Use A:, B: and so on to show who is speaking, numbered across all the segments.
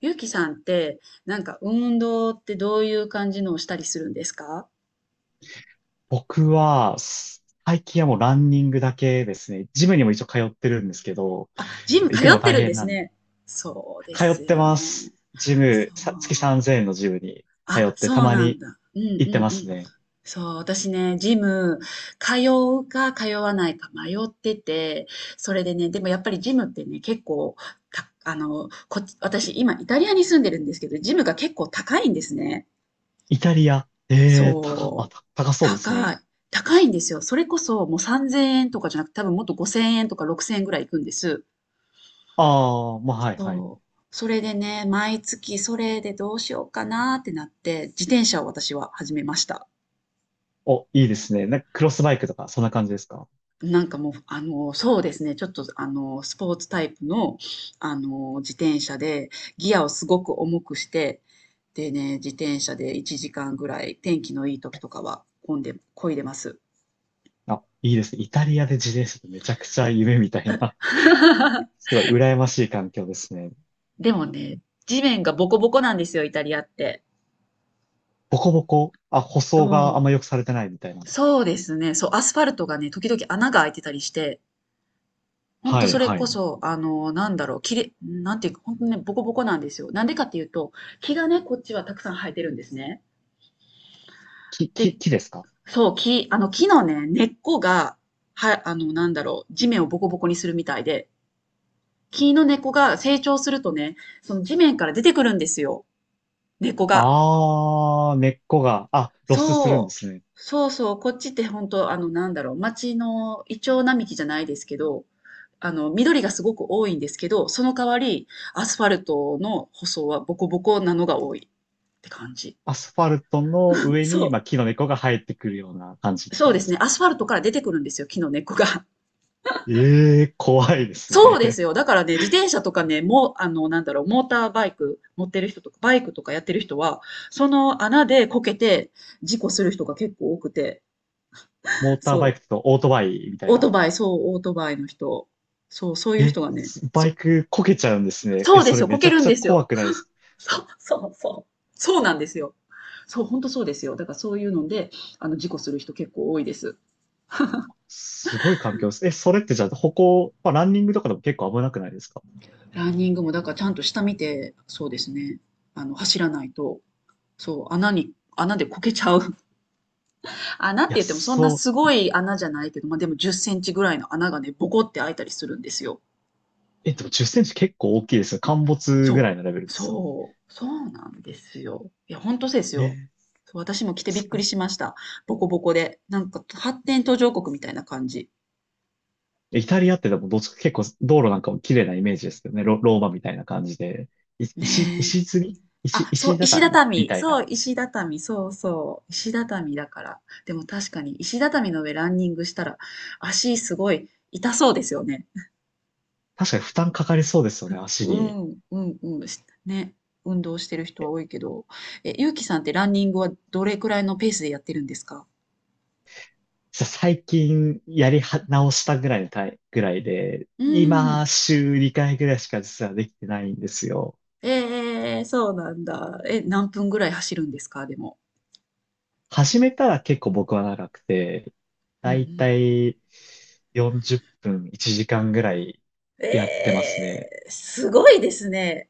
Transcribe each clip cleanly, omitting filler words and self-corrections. A: ゆうきさんって、なんか運動ってどういう感じのをしたりするんですか？
B: 僕は、最近はもうランニングだけですね。ジムにも一応通ってるんですけど、
A: ジム
B: 行
A: 通
B: くの
A: って
B: 大
A: るんで
B: 変
A: す
B: なんで。
A: ね。そうで
B: 通
A: す
B: って
A: よ
B: ま
A: ね。
B: す。ジ
A: そ
B: ム、
A: う。
B: 月3000円のジムに通
A: あ、
B: って、た
A: そう
B: ま
A: なん
B: に
A: だ。うんう
B: 行って
A: ん
B: ま
A: う
B: す
A: ん。
B: ね。
A: そう、私ね、ジム、通うか通わないか迷ってて、それでね、でもやっぱりジムってね、結構、た、あの、こっち、私今イタリアに住んでるんですけど、ジムが結構高いんですね。
B: イタリア。高、あ、
A: そう。
B: た高そうです
A: 高
B: ね。
A: い。高いんですよ。それこそもう3000円とかじゃなくて、多分もっと5000円とか6000円ぐらいいくんです。
B: ああ、まあ、はい、はい。
A: そう。それでね、毎月それでどうしようかなってなって、自転車を私は始めました。
B: お、いいですね。なんかクロスバイクとか、そんな感じですか？
A: なんかもう、そうですね、ちょっと、あの、スポーツタイプの、自転車で、ギアをすごく重くして、でね、自転車で1時間ぐらい、天気のいい時とかは、混んで、漕いでます。
B: あ、いいですね。イタリアで自転車ってめちゃくちゃ夢みたいな、すごい羨ましい環境ですね。
A: でもね、地面がボコボコなんですよ、イタリアって。
B: ボコボコ、あ、舗
A: そ
B: 装があんま
A: う。
B: 良くされてないみたいな。
A: そうですね。そう、アスファルトがね、時々穴が開いてたりして、ほんと
B: はい、
A: それ
B: は
A: こ
B: い。
A: そ、なんていうか、ほんとね、ボコボコなんですよ。なんでかっていうと、木がね、こっちはたくさん生えてるんですね。で、
B: 木ですか？
A: そう、木のね、根っこが、は、あの、なんだろう、地面をボコボコにするみたいで、木の根っこが成長するとね、その地面から出てくるんですよ、根っこが。
B: ああー、根っこが、あ、ロスするんで
A: そう。
B: すね。
A: そうそう、こっちって本当町のイチョウ並木じゃないですけど、緑がすごく多いんですけど、その代わり、アスファルトの舗装はボコボコなのが多いって感じ。
B: アスファルトの上に、ま
A: そ
B: あ、木の根っこが生えてくるような感じっ
A: う。
B: て
A: そ
B: こ
A: う
B: と
A: で
B: で
A: す
B: す
A: ね、
B: か？
A: アスファルトから出てくるんですよ、木の根っこが。
B: ええー、怖いです
A: そうです
B: ね。
A: よ。だからね、自転車とかね、もうあの、なんだろう、モーターバイク持ってる人とか、バイクとかやってる人は、その穴でこけて事故する人が結構多くて、
B: モーターバイ
A: そ
B: ク
A: う。
B: とオートバイみたい
A: オート
B: な。
A: バイ、そう、オートバイの人。そう、そういう人がね、
B: バイ
A: そ、
B: クこけちゃうんですね。
A: そ
B: え、
A: うで
B: そ
A: す
B: れ
A: よ、こ
B: めち
A: け
B: ゃ
A: る
B: く
A: ん
B: ちゃ
A: ですよ。
B: 怖くないですか？
A: そう、そう、そう。そうなんですよ。そう、本当そうですよ。だからそういうので、事故する人結構多いです。
B: すごい環境です。え、それってじゃあ歩行、まあ、ランニングとかでも結構危なくないですか？
A: ランニングも、だからちゃんと下見て、そうですね、走らないと、そう、穴でこけちゃう。穴って
B: いや、
A: 言ってもそんな
B: そ
A: すごい穴じゃないけど、まあ、でも10センチぐらいの穴がね、ボコって開いたりするんですよ。
B: う。え、でも10センチ結構大きいですよ。陥没
A: そ
B: ぐ
A: う。
B: らいのレベルですよね。
A: そう。そうなんですよ。いや、本当そうです
B: え
A: よ。
B: ー、
A: そう、私も着てび
B: そ
A: っくりしました。ボコボコで。なんか発展途上国みたいな感じ。
B: イタリアってでもどっちか結構道路なんかも綺麗なイメージですけどね。ローマみたいな感じで。い石、
A: ねえ。
B: 石積み石、
A: あ、そう、
B: 石
A: 石
B: 畳み
A: 畳。
B: たい
A: そ
B: な。
A: う、石畳。そうそう。石畳だから。でも確かに石畳の上ランニングしたら足すごい痛そうですよね。
B: 確かに負担かかりそうですよね、足
A: う
B: に。
A: ん、うん、うん。ね。運動してる人は多いけど。え、ゆうきさんってランニングはどれくらいのペースでやってるんですか？
B: 最近やりは直したぐらいのぐらいで、
A: うー
B: 今
A: ん。
B: 週2回ぐらいしか実はできてないんですよ。
A: ええ、そうなんだ。え、何分ぐらい走るんですか？でも。
B: 始めたら結構僕は長くて、
A: うん
B: だ
A: う
B: い
A: ん。
B: たい40分、1時間ぐらいやってま
A: え
B: すね。
A: え、すごいですね。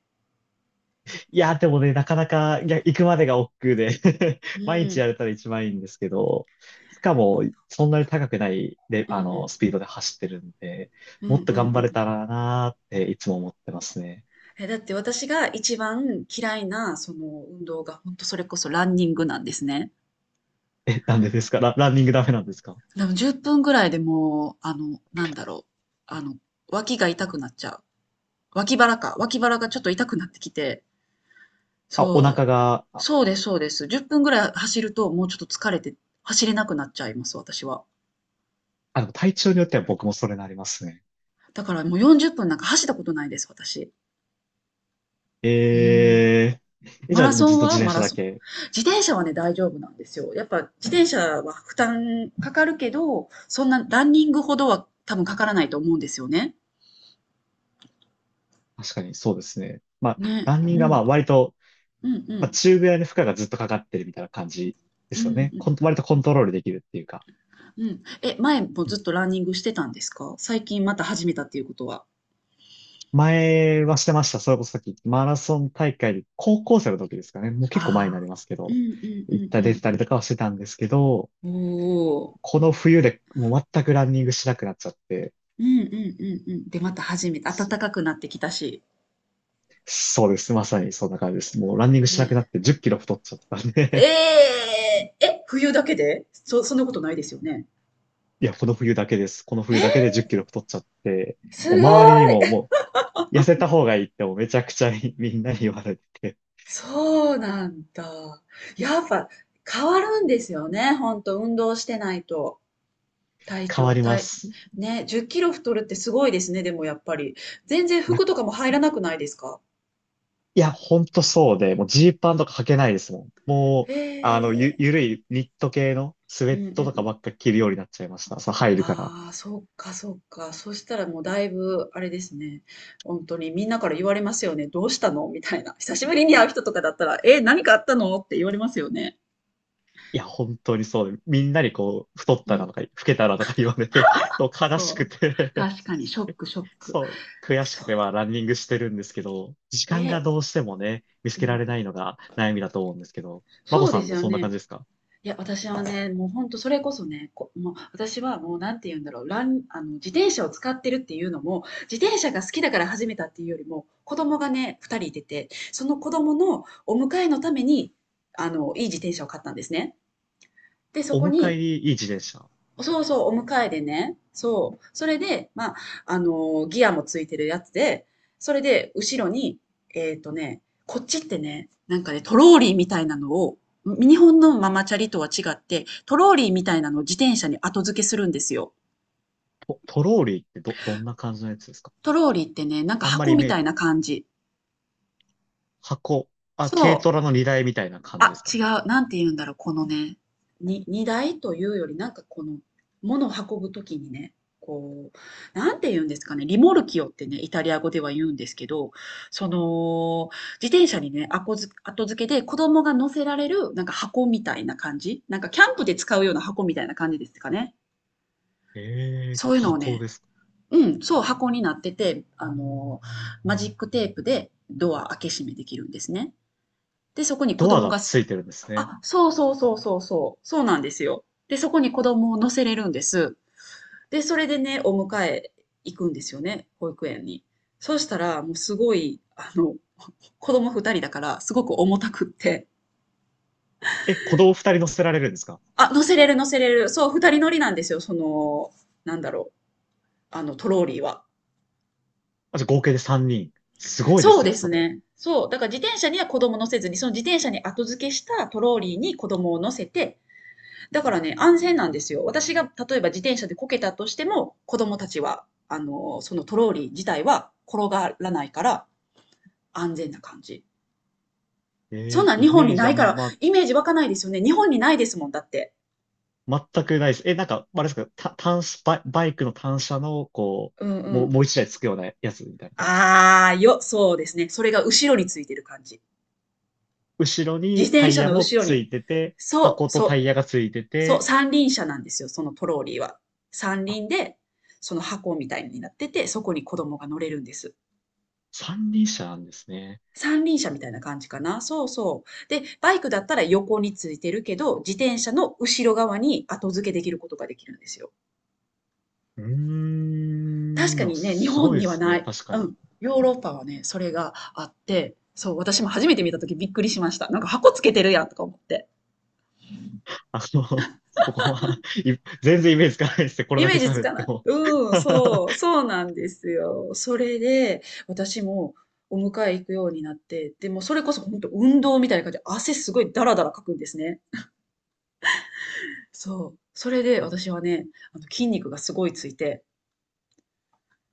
B: いや、でもね、なかなか、いや、行くまでが億劫で
A: う
B: 毎日や
A: ん。
B: れたら一番いいんですけど、しかも、そんなに高くない、で、
A: うんうん。
B: スピードで走ってるんで、
A: う
B: もっ
A: ん
B: と
A: うん
B: 頑
A: う
B: 張れ
A: ん。
B: たらなーっていつも思ってますね。
A: え、だって私が一番嫌いなその運動が本当それこそランニングなんですね。
B: え、なんでですか？ランニングダメなんですか？
A: でも10分ぐらいでもう、あの、脇が痛くなっちゃう。脇腹がちょっと痛くなってきて、
B: あ、お
A: そ
B: 腹が、
A: う。
B: あ、
A: そうですそうです。10分ぐらい走るともうちょっと疲れて走れなくなっちゃいます、私は。
B: 体調によっては僕もそれなりますね。
A: だからもう40分なんか走ったことないです、私。
B: え
A: うん。
B: ー、え、
A: マ
B: じゃあ
A: ラ
B: もうず
A: ソ
B: っ
A: ン
B: と自
A: は
B: 転
A: マ
B: 車
A: ラ
B: だ
A: ソン。
B: け。
A: 自転車はね、大丈夫なんですよ。やっぱ自転車は負担かかるけど、そんなランニングほどは多分かからないと思うんですよね。
B: 確かにそうですね。まあ、
A: ね。
B: ランニン
A: う
B: グがま
A: ん。
B: あ割と
A: うんう
B: まあ、
A: ん。
B: 中ぐらいの負荷がずっとかかってるみたいな感じで
A: うん
B: すよ
A: う
B: ね。コ
A: ん。
B: ン割と
A: う
B: コン
A: ん。
B: トロールできるっていうか。
A: うん。え、前も
B: う
A: ずっ
B: ん。
A: とランニングしてたんですか？最近また始めたっていうことは。
B: 前はしてました。それこそさっきマラソン大会で高校生の時ですかね。もう結構前にな
A: ああ。
B: りますけ
A: うん
B: ど、
A: うん
B: 行った
A: う
B: 出
A: ん
B: てたりとかはしてたんですけど、
A: うん。おお。
B: この冬でもう全くランニングしなくなっちゃって、
A: うんうんうんうん。で、また始めた暖
B: そ
A: かくなってきたし。
B: そうです。まさにそんな感じです。もうランニングしなくな
A: ね。
B: って10キロ太っちゃったん
A: え
B: で
A: ええ、冬だけでそんなことないですよね。
B: いや、この冬だけです。この
A: え
B: 冬だけで
A: ー、
B: 10キロ太っちゃって、
A: す
B: もう
A: ご
B: 周りにも
A: い。
B: う痩せた方がいいってもうめちゃくちゃみんなに言われて
A: そうなんだ。やっぱ変わるんですよね。ほんと、運動してないと。
B: 変わりま
A: 体、
B: す。
A: ね、10キロ太るってすごいですね。でもやっぱり。全然
B: な
A: 服とかも入らなくないですか？
B: いや、ほんとそうで、もうジーパンとか履けないですもん。も
A: へ
B: う、あの、
A: え。
B: ゆるいニット系のスウ
A: う
B: ェッ
A: んうんう
B: トとか
A: ん、
B: ばっか着るようになっちゃいました。そう、入るから。
A: ああ、そっかそっか。そしたらもうだいぶあれですね。本当にみんなから言われますよね。「どうしたの？」みたいな。久しぶりに会う人とかだったら、「え、何かあったの？」って言われますよね。
B: いや、本当にそうで、みんなにこう、太っ
A: う
B: たなと
A: ん。
B: か、老けたなとか言われて、そう悲
A: そ
B: し
A: う。
B: くて
A: 確かにショッ クショック。
B: そう、悔し
A: そ
B: く
A: う。
B: て、まあ、ランニングしてるんですけど、時間が
A: え、
B: どうしてもね、見つ
A: う
B: けら
A: ん。
B: れないのが悩みだと思うんですけど、まこ
A: そう
B: さ
A: で
B: ん
A: す
B: も
A: よ
B: そんな感
A: ね。
B: じですか？
A: いや、私はね、もう本当それこそね、こもう私はもうなんて言うんだろう、ランあの、自転車を使ってるっていうのも、自転車が好きだから始めたっていうよりも、子供がね、2人いてて、その子供のお迎えのために、いい自転車を買ったんですね。で、そ
B: お
A: こ
B: 迎え
A: に、
B: にいい自転車。
A: そうそう、お迎えでね。そう。それで、まあ、ギアもついてるやつで、それで、後ろに、えっとね、こっちってね、なんかね、トローリーみたいなのを、日本のママチャリとは違って、トローリーみたいなのを自転車に後付けするんですよ。
B: トローリーってどんな感じのやつですか？
A: トローリーってね、なんか
B: あんまり
A: 箱
B: イ
A: み
B: メ
A: た
B: ー
A: いな感じ。
B: 箱、あ、軽
A: そ
B: トラ
A: う。
B: の荷台みたいな感じで
A: あ、
B: すか？
A: 違う。なんて言うんだろう、このね、荷台というより、なんかこの、物を運ぶときにね、こう、なんて言うんですかね、リモルキオってね、イタリア語では言うんですけど、その、自転車にね、あこづ後付けで子供が乗せられる、なんか箱みたいな感じ、なんかキャンプで使うような箱みたいな感じですかね。
B: ええ
A: そうい
B: ー
A: うのを
B: 箱
A: ね、
B: ですか。
A: うん、そう、箱になってて、マジックテープでドア開け閉めできるんですね。で、そこに子
B: ドア
A: 供
B: が
A: が
B: つ
A: す、
B: いてるんですね。
A: あ、そうそうそうそうそう、そうなんですよ。で、そこに子供を乗せれるんです。で、それでね、お迎え行くんですよね、保育園に。そうしたら、もうすごい、子供二人だから、すごく重たくって、
B: え、子供二人乗せられるんですか？
A: あ、乗せれる乗せれる。そう、二人乗りなんですよ、なんだろう、トローリーは。
B: あ、じゃあ合計で三人。すごいで
A: そう
B: すね、
A: です
B: それ。
A: ね。そう。だから自転車には子供乗せずに、その自転車に後付けしたトローリーに子供を乗せて、だからね、安全なんですよ。私が例えば自転車でこけたとしても、子供たちは、そのトローリー自体は転がらないから安全な感じ。
B: え
A: そん
B: ー
A: なん
B: イ
A: 日本
B: メ
A: に
B: ージ
A: な
B: あ
A: いか
B: ん
A: ら、
B: ま、
A: イメージ湧かないですよね。日本にないですもん、だって。
B: 全くないです。え、なんか、あれですか、単車、バイクの単車の、こ
A: うんう
B: う、
A: ん。
B: もう一台つくようなやつみたいな感じですか。
A: あーよ、そうですね。それが後ろについてる感じ。
B: 後ろ
A: 自
B: にタ
A: 転
B: イ
A: 車
B: ヤ
A: の
B: も
A: 後ろ
B: つ
A: に。
B: いてて、
A: そ
B: 箱
A: う、
B: とタ
A: そ
B: イ
A: う、
B: ヤがついて
A: そう、
B: て、
A: 三輪車なんですよ、そのトローリーは。三
B: あ、
A: 輪で、その箱みたいになってて、そこに子供が乗れるんです。
B: 三輪車なんですね。
A: 三輪車みたいな感じかな。そうそう。で、バイクだったら横についてるけど、自転車の後ろ側に後付けできることができるんですよ。
B: う
A: 確か
B: ーん、
A: にね、日
B: すご
A: 本
B: いで
A: には
B: す
A: な
B: ね、
A: い。
B: 確か
A: う
B: に。
A: ん。ヨーロッパはね、それがあって、そう、私も初めて見た時びっくりしました。なんか箱つけてるやんとか思って。
B: あの、僕は、全然イメージつかないですね。これ
A: イ
B: だ
A: メ
B: け
A: ージつ
B: 喋っ
A: か
B: て
A: ない。
B: も。
A: うん、そう、そうなんですよ。それで、私もお迎え行くようになって、でもそれこそ本当運動みたいな感じで汗すごいダラダラかくんですね。そう。それで私はね、筋肉がすごいついて、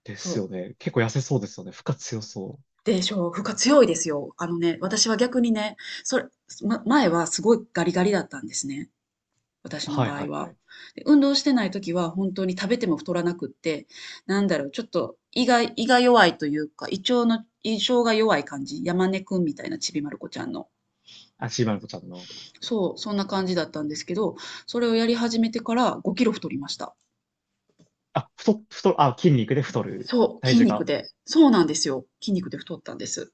B: で
A: そ
B: すよ
A: う。
B: ね。結構痩せそうですよね。負荷強そう。
A: で、負荷強いですよ。あのね、私は逆にね、それ、ま、前はすごいガリガリだったんですね。私の
B: はい
A: 場
B: は
A: 合
B: いは
A: は。
B: い。
A: で、運動してない時は本当に食べても太らなくって、なんだろう、ちょっと胃が弱いというか、胃腸が弱い感じ、山根くんみたいなちびまる子ちゃんの。
B: あ、シーマルコちゃんの。
A: そう、そんな感じだったんですけど、それをやり始めてから5キロ太りました。
B: あ、太、太、あ、筋肉で太る。
A: そう、
B: 体
A: 筋
B: 重
A: 肉
B: が。
A: で。そうなんですよ。筋肉で太ったんです。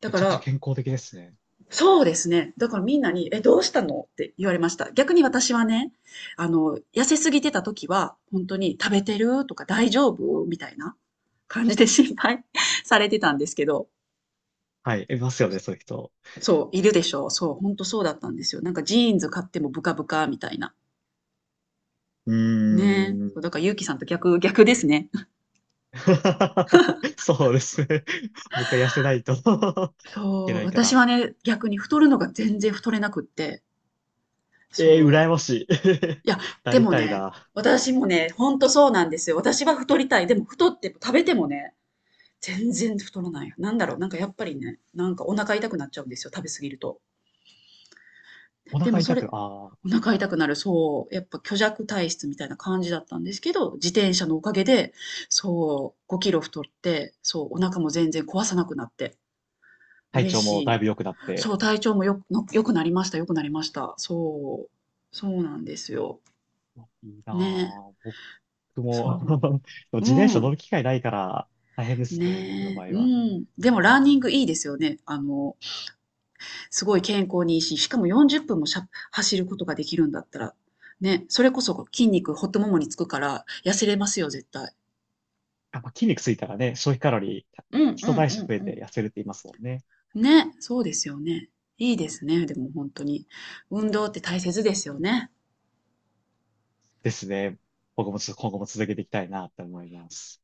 A: だ
B: め
A: か
B: ちゃくちゃ
A: ら、
B: 健康的ですね。
A: そうですね。だからみんなに、どうしたのって言われました。逆に私はね、痩せすぎてた時は、本当に食べてるとか大丈夫みたいな感じで心配 されてたんですけど、
B: はい。いますよね、そういう人。
A: そう、いるでしょう。そう、本当そうだったんですよ。なんかジーンズ買ってもブカブカみたいな。
B: う
A: ねえ。
B: ーん。
A: そうだから、ゆうきさんと逆ですね。
B: そうですね。僕は痩せないと いけ
A: そう、
B: ないか
A: 私
B: ら。
A: はね、逆に太るのが全然太れなくって、
B: えー、
A: そう、
B: 羨ましい。
A: いや、
B: な
A: で
B: り
A: も
B: たい
A: ね、
B: な。
A: 私もね、ほんとそうなんですよ。私は太りたい。でも太っても食べてもね、全然太らない。なんだろう、なんかやっぱりね、なんかお腹痛くなっちゃうんですよ、食べ過ぎると。
B: お
A: で
B: 腹
A: もそ
B: 痛
A: れ、
B: く、ああ、
A: お腹痛くなる、そう、やっぱ虚弱体質みたいな感じだったんですけど、自転車のおかげで、そう、5キロ太って、そう、お腹も全然壊さなくなって、
B: 体
A: 嬉
B: 調
A: し
B: もだ
A: い。
B: いぶ良くなっ
A: そ
B: て、
A: う、体調もよく、の良くなりました、良くなりました。そう、そうなんですよ。
B: いいな
A: ね、
B: ぁ。僕も で
A: そ
B: も
A: う、
B: 自転
A: う
B: 車乗
A: ん。
B: る機会ないから大変ですね、僕の
A: ねえ、
B: 場合
A: う
B: は。
A: ん。でもランニングいいですよね。すごい健康にいいし、しかも40分も走ることができるんだったら、ね、それこそ筋肉、ほっとももにつくから、痩せれますよ、絶対。
B: やっぱ筋肉ついたらね、消費カロリー、
A: うん
B: 基
A: う
B: 礎代謝
A: ん
B: 増え
A: うん
B: て痩せるって言いますもんね。
A: うん。ね、そうですよね。いいですね、でも本当に。運動って大切ですよね。
B: ですね。僕もちょっと今後も続けていきたいなって思います。